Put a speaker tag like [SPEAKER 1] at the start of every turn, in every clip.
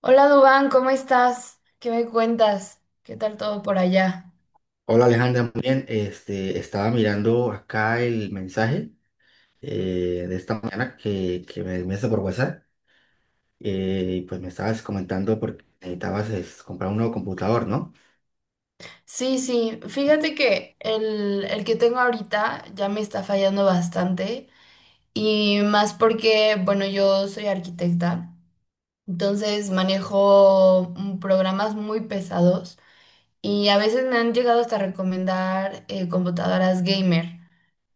[SPEAKER 1] Hola Dubán, ¿cómo estás? ¿Qué me cuentas? ¿Qué tal todo por allá?
[SPEAKER 2] Hola Alejandra, muy bien. Estaba mirando acá el mensaje de esta mañana que me enviaste por WhatsApp y pues me estabas comentando porque necesitabas comprar un nuevo computador, ¿no?
[SPEAKER 1] Sí, sí, fíjate que el que tengo ahorita ya me está fallando bastante y más porque, bueno, yo soy arquitecta, entonces manejo programas muy pesados. Y a veces me han llegado hasta recomendar computadoras gamer.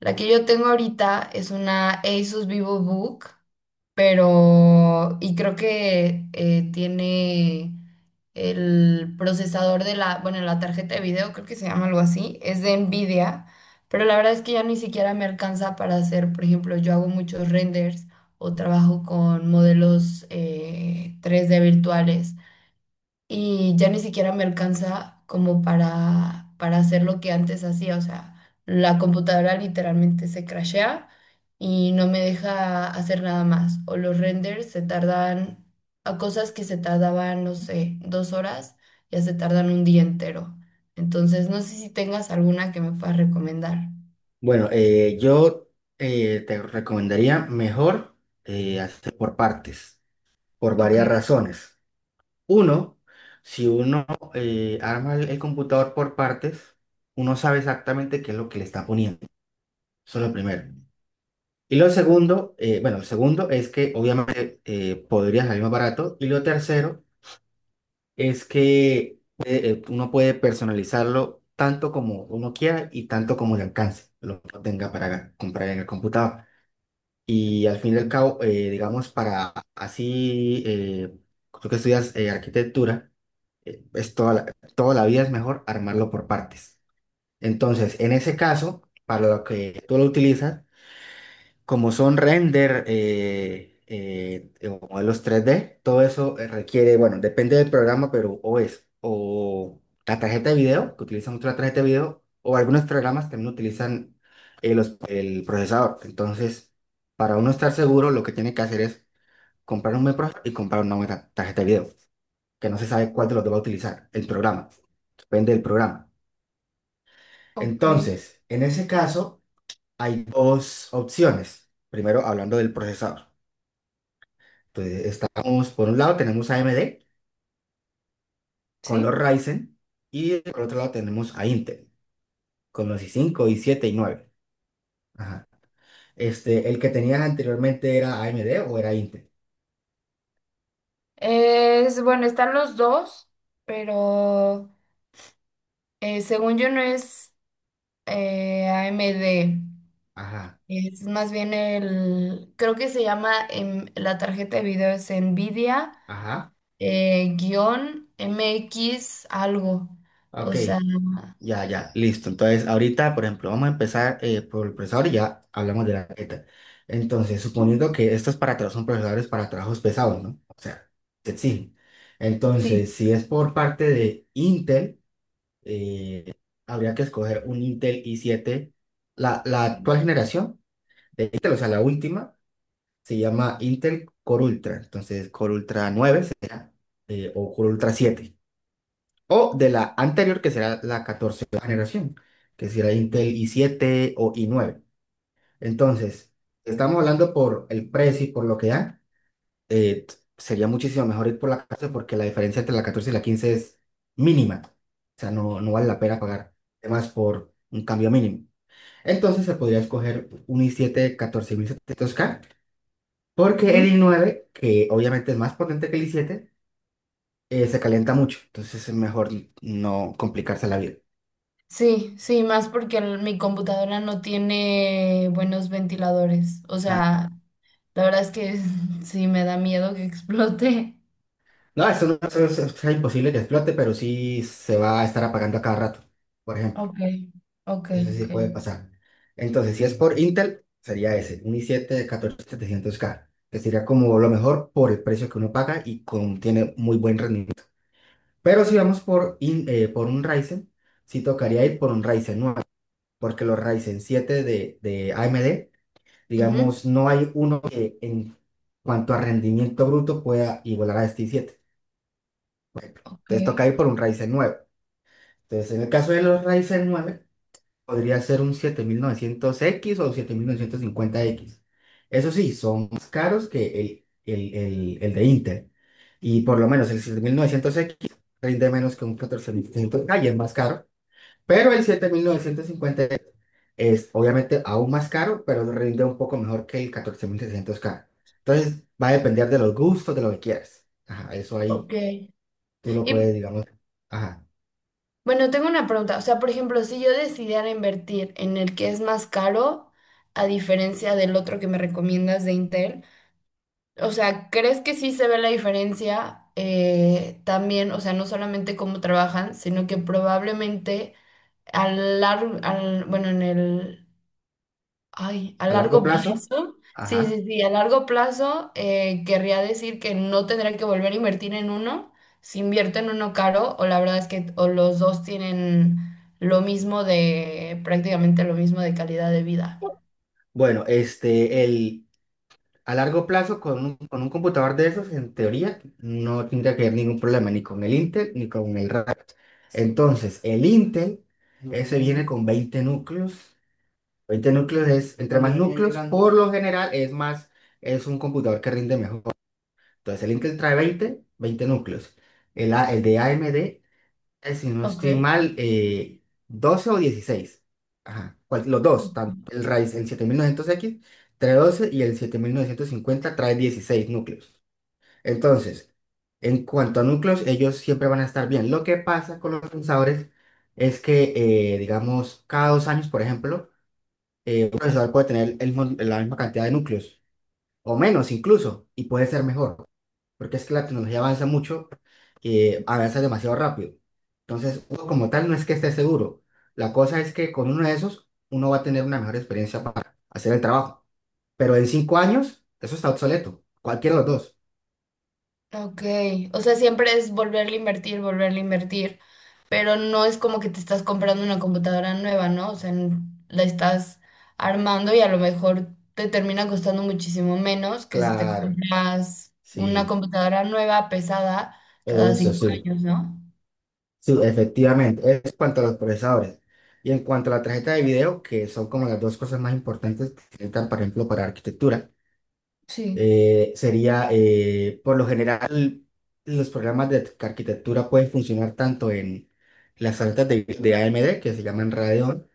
[SPEAKER 1] La que yo tengo ahorita es una Asus VivoBook, pero creo que tiene el procesador de la... la tarjeta de video, creo que se llama algo así. Es de Nvidia, pero la verdad es que ya ni siquiera me alcanza para hacer, por ejemplo. Yo hago muchos renders o trabajo con modelos 3D virtuales y ya ni siquiera me alcanza como para hacer lo que antes hacía. O sea, la computadora literalmente se crashea y no me deja hacer nada más. O los renders se tardan, a cosas que se tardaban, no sé, 2 horas, ya se tardan un día entero. Entonces, no sé si tengas alguna que me puedas recomendar.
[SPEAKER 2] Bueno, yo te recomendaría mejor hacer por partes, por
[SPEAKER 1] Ok,
[SPEAKER 2] varias razones. Uno, si uno arma el computador por partes, uno sabe exactamente qué es lo que le está poniendo. Eso es lo primero. Y lo segundo, bueno, lo segundo es que obviamente podría salir más barato. Y lo tercero es que uno puede personalizarlo tanto como uno quiera y tanto como le alcance, lo que tenga para comprar en el computador. Y al fin y al cabo, digamos, para así, tú que estudias arquitectura, es toda la vida es mejor armarlo por partes. Entonces, en ese caso, para lo que tú lo utilizas, como son render o modelos 3D, todo eso requiere, bueno, depende del programa, pero o es o la tarjeta de video, que utilizan mucho la tarjeta de video, o algunos programas también utilizan el procesador. Entonces, para uno estar seguro, lo que tiene que hacer es comprar un buen procesador y comprar una buena tarjeta de video, que no se sabe cuál de los dos va a utilizar el programa, depende del programa.
[SPEAKER 1] ok,
[SPEAKER 2] Entonces, en ese caso, hay dos opciones. Primero, hablando del procesador. Entonces, estamos, por un lado tenemos a AMD con los
[SPEAKER 1] sí.
[SPEAKER 2] Ryzen, y por otro lado tenemos a Intel con los i cinco, i siete y nueve. Ajá. El que tenías anteriormente, ¿era AMD o era Intel?
[SPEAKER 1] Es, bueno, están los dos, pero según yo no es AMD.
[SPEAKER 2] Ajá,
[SPEAKER 1] Es más bien el, creo que se llama, la tarjeta de video es NVIDIA,
[SPEAKER 2] ajá.
[SPEAKER 1] guión MX algo.
[SPEAKER 2] Ok,
[SPEAKER 1] O sea,
[SPEAKER 2] ya, ya, listo. Entonces, ahorita, por ejemplo, vamos a empezar por el procesador y ya hablamos de la tarjeta. Entonces, suponiendo que estos son procesadores para trabajos pesados, ¿no? O sea, te exigen.
[SPEAKER 1] sí,
[SPEAKER 2] Entonces, si es por parte de Intel, eh, habría que escoger un Intel i7. La actual generación de Intel, o sea, la última, se llama Intel Core Ultra. Entonces, Core Ultra 9 o Core Ultra siete. O de la anterior, que será la 14 generación, que será Intel i7 o i9. Entonces, estamos hablando por el precio y por lo que dan. Sería muchísimo mejor ir por la 14 porque la diferencia entre la 14 y la 15 es mínima. O sea, no, no vale la pena pagar más por un cambio mínimo. Entonces se podría escoger un i7 14700K porque el
[SPEAKER 1] ujú.
[SPEAKER 2] i nueve, que obviamente es más potente que el i siete, se calienta mucho. Entonces es mejor no complicarse la vida.
[SPEAKER 1] Sí, sí, más porque el- mi computadora no tiene buenos ventiladores. O
[SPEAKER 2] Ah,
[SPEAKER 1] sea, la verdad es que sí me da miedo que explote.
[SPEAKER 2] no, eso no eso es imposible que explote, pero sí se va a estar apagando a cada rato. Por ejemplo.
[SPEAKER 1] Ok, ok,
[SPEAKER 2] Eso sí
[SPEAKER 1] ok.
[SPEAKER 2] puede pasar. Entonces, si es por Intel, sería ese, un i7 de 14.700K, que sería como lo mejor por el precio que uno paga y con, tiene muy buen rendimiento. Pero si vamos por un Ryzen, sí tocaría ir por un Ryzen nueve, porque los Ryzen 7 de AMD,
[SPEAKER 1] Ujú.
[SPEAKER 2] digamos, no hay uno que en cuanto a rendimiento bruto pueda igualar a este i7.
[SPEAKER 1] Ok.
[SPEAKER 2] Entonces toca ir por un Ryzen nueve. Entonces, en el caso de los Ryzen nueve, podría ser un 7900X o 7950X. Eso sí, son más caros que el de Intel. Y por lo menos el 7900X rinde menos que un 14500K y es más caro. Pero el 7950 es obviamente aún más caro, pero rinde un poco mejor que el 14.600K. Entonces va a depender de los gustos, de lo que quieras. Ajá, eso
[SPEAKER 1] Ok.
[SPEAKER 2] ahí tú lo
[SPEAKER 1] Y
[SPEAKER 2] puedes, digamos, ajá,
[SPEAKER 1] bueno, tengo una pregunta. O sea, por ejemplo, si yo decidiera invertir en el que es más caro, a diferencia del otro que me recomiendas de Intel, o sea, ¿crees que sí se ve la diferencia también? O sea, no solamente cómo trabajan, sino que probablemente a largo, al, bueno, en el ay, a
[SPEAKER 2] a largo
[SPEAKER 1] largo
[SPEAKER 2] plazo.
[SPEAKER 1] plazo, sí,
[SPEAKER 2] Ajá.
[SPEAKER 1] sí, sí, a largo plazo querría decir que no tendré que volver a invertir en uno, si invierto en uno caro, o la verdad es que o los dos tienen lo mismo de, prácticamente lo mismo de calidad de vida.
[SPEAKER 2] Bueno, a largo plazo, con un computador de esos, en teoría, no tendría que haber ningún problema ni con el Intel ni con el RAM. Entonces, el Intel, ese viene Mm, con 20 núcleos. 20 núcleos es, entre más También es núcleos, grande. Por lo general, es más, es un computador que rinde mejor. Entonces, el Intel trae veinte núcleos. El de AMD, si no
[SPEAKER 1] Ok.
[SPEAKER 2] estoy mal, 12 o dieciséis. Ajá, los dos, tanto el raíz, el 7900X, trae doce, y el 7950 trae 16 núcleos. Entonces, en cuanto a núcleos, ellos siempre van a estar bien. Lo que pasa con los procesadores es que, digamos, cada 2 años, por ejemplo, un procesador puede tener la misma cantidad de núcleos, o menos incluso, y puede ser mejor porque es que la tecnología avanza mucho, avanza demasiado rápido. Entonces, uno como tal no es que esté seguro. La cosa es que con uno de esos, uno va a tener una mejor experiencia para hacer el trabajo. Pero en 5 años, eso está obsoleto. Cualquiera de los dos.
[SPEAKER 1] Ok, o sea, siempre es volverle a invertir, pero no es como que te estás comprando una computadora nueva, ¿no? O sea, n- la estás armando y a lo mejor te termina costando muchísimo menos que si te
[SPEAKER 2] Claro,
[SPEAKER 1] compras una
[SPEAKER 2] sí,
[SPEAKER 1] computadora nueva, pesada, cada
[SPEAKER 2] eso
[SPEAKER 1] cinco
[SPEAKER 2] sí.
[SPEAKER 1] años, ¿no?
[SPEAKER 2] Sí, efectivamente. Es cuanto a los procesadores. Y en cuanto a la tarjeta de video, que son como las dos cosas más importantes que se necesitan, por ejemplo, para arquitectura.
[SPEAKER 1] Sí,
[SPEAKER 2] Sería, por lo general, los programas de arquitectura pueden funcionar tanto en las tarjetas de AMD, que se llaman Radeon,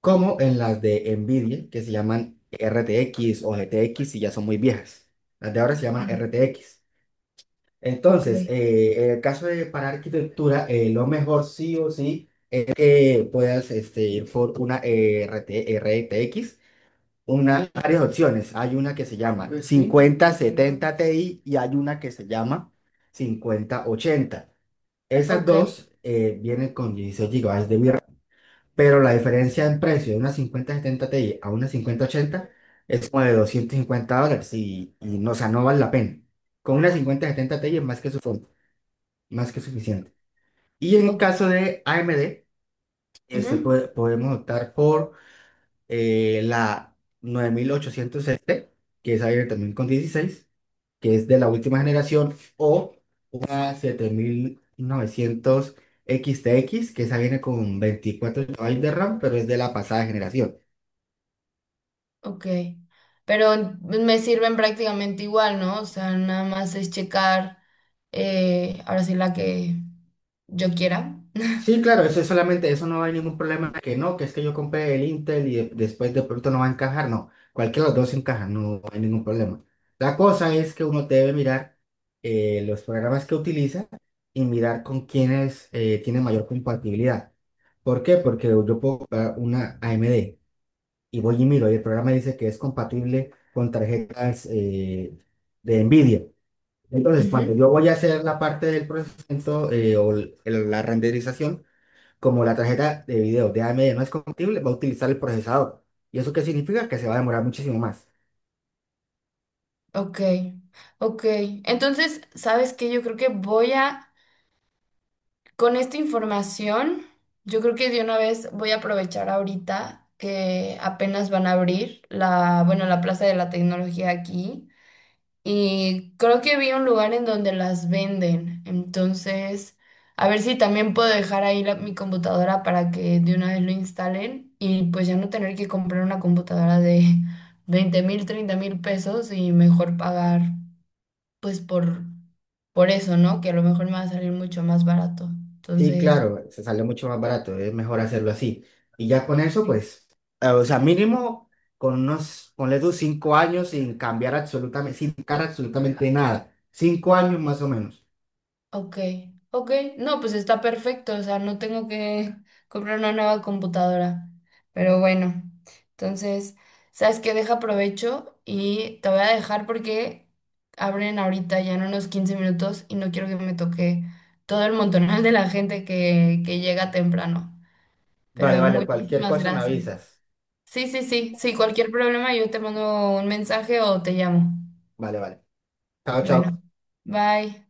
[SPEAKER 2] como en las de NVIDIA, que se llaman RTX o GTX, y ya son muy viejas. Las de ahora se llaman
[SPEAKER 1] sí,
[SPEAKER 2] RTX.
[SPEAKER 1] ok,
[SPEAKER 2] Entonces, en el caso de para arquitectura, lo mejor sí o sí es que puedas ir por una eh, RT RTX. Una, varias opciones. Hay una que se llama, pues sí, 5070 Ti, y hay una que se llama 5080. Esas
[SPEAKER 1] ok,
[SPEAKER 2] dos vienen con 16 gigabytes de VRAM, pero la diferencia en precio de una 5070 Ti a una 5080 es como de $250 y no, o sea, no vale la pena. Con una 5070 Ti es más que suficiente. Y en
[SPEAKER 1] ok,
[SPEAKER 2] caso de AMD,
[SPEAKER 1] ujú,
[SPEAKER 2] podemos optar por la 9800S, que esa viene también con 16, que es de la última generación, o una 7900 x, que esa viene con 24 gigabytes de RAM, pero es de la pasada generación.
[SPEAKER 1] ok. Pero me sirven prácticamente igual, ¿no? O sea, nada más es checar ahora sí la que yo quiera.
[SPEAKER 2] Sí, claro, eso es solamente, eso no hay ningún problema que no, que es que yo compré el Intel y después de pronto no va a encajar, no, cualquiera de los dos encaja, no hay ningún problema. La cosa es que uno debe mirar los programas que utiliza y mirar con quienes tiene mayor compatibilidad. ¿Por qué? Porque yo puedo comprar una AMD y voy y miro y el programa dice que es compatible con tarjetas de NVIDIA. Entonces,
[SPEAKER 1] Ujú,
[SPEAKER 2] cuando yo voy a hacer la parte del procesamiento la renderización, como la tarjeta de video de AMD no es compatible, va a utilizar el procesador. ¿Y eso qué significa? Que se va a demorar muchísimo más.
[SPEAKER 1] ok, ok. Entonces, ¿sabes qué? Yo creo que con esta información, yo creo que de una vez voy a aprovechar ahorita que apenas van a abrir la Plaza de la Tecnología aquí. Y creo que vi un lugar en donde las venden. Entonces, a ver si también puedo dejar ahí la- mi computadora para que de una vez lo instalen y pues ya no tener que comprar una computadora de 20 mil, 30 mil pesos y mejor pagar pues por, por eso, ¿no? Que a lo mejor me va a salir mucho más barato.
[SPEAKER 2] Sí,
[SPEAKER 1] Entonces...
[SPEAKER 2] claro, se sale mucho más barato, es mejor hacerlo así. Y ya con eso, pues, o sea, mínimo con unos, ponle tú 5 años sin cambiar absolutamente, sin tocar absolutamente nada. 5 años más o menos.
[SPEAKER 1] Ok, ok. No, pues está perfecto, o sea, no tengo que comprar una nueva computadora. Pero bueno, entonces, ¿sabes qué? Deja provecho y te voy a dejar porque abren ahorita ya en unos 15 minutos y no quiero que me toque todo el montonal de la gente que llega temprano. Pero
[SPEAKER 2] Vale, vale, cualquier
[SPEAKER 1] muchísimas
[SPEAKER 2] cosa me
[SPEAKER 1] gracias.
[SPEAKER 2] avisas.
[SPEAKER 1] Sí, sí, sí, sí, cualquier problema yo te mando un mensaje o te llamo.
[SPEAKER 2] Vale, vale. Chao,
[SPEAKER 1] Bueno,
[SPEAKER 2] chao.
[SPEAKER 1] bye.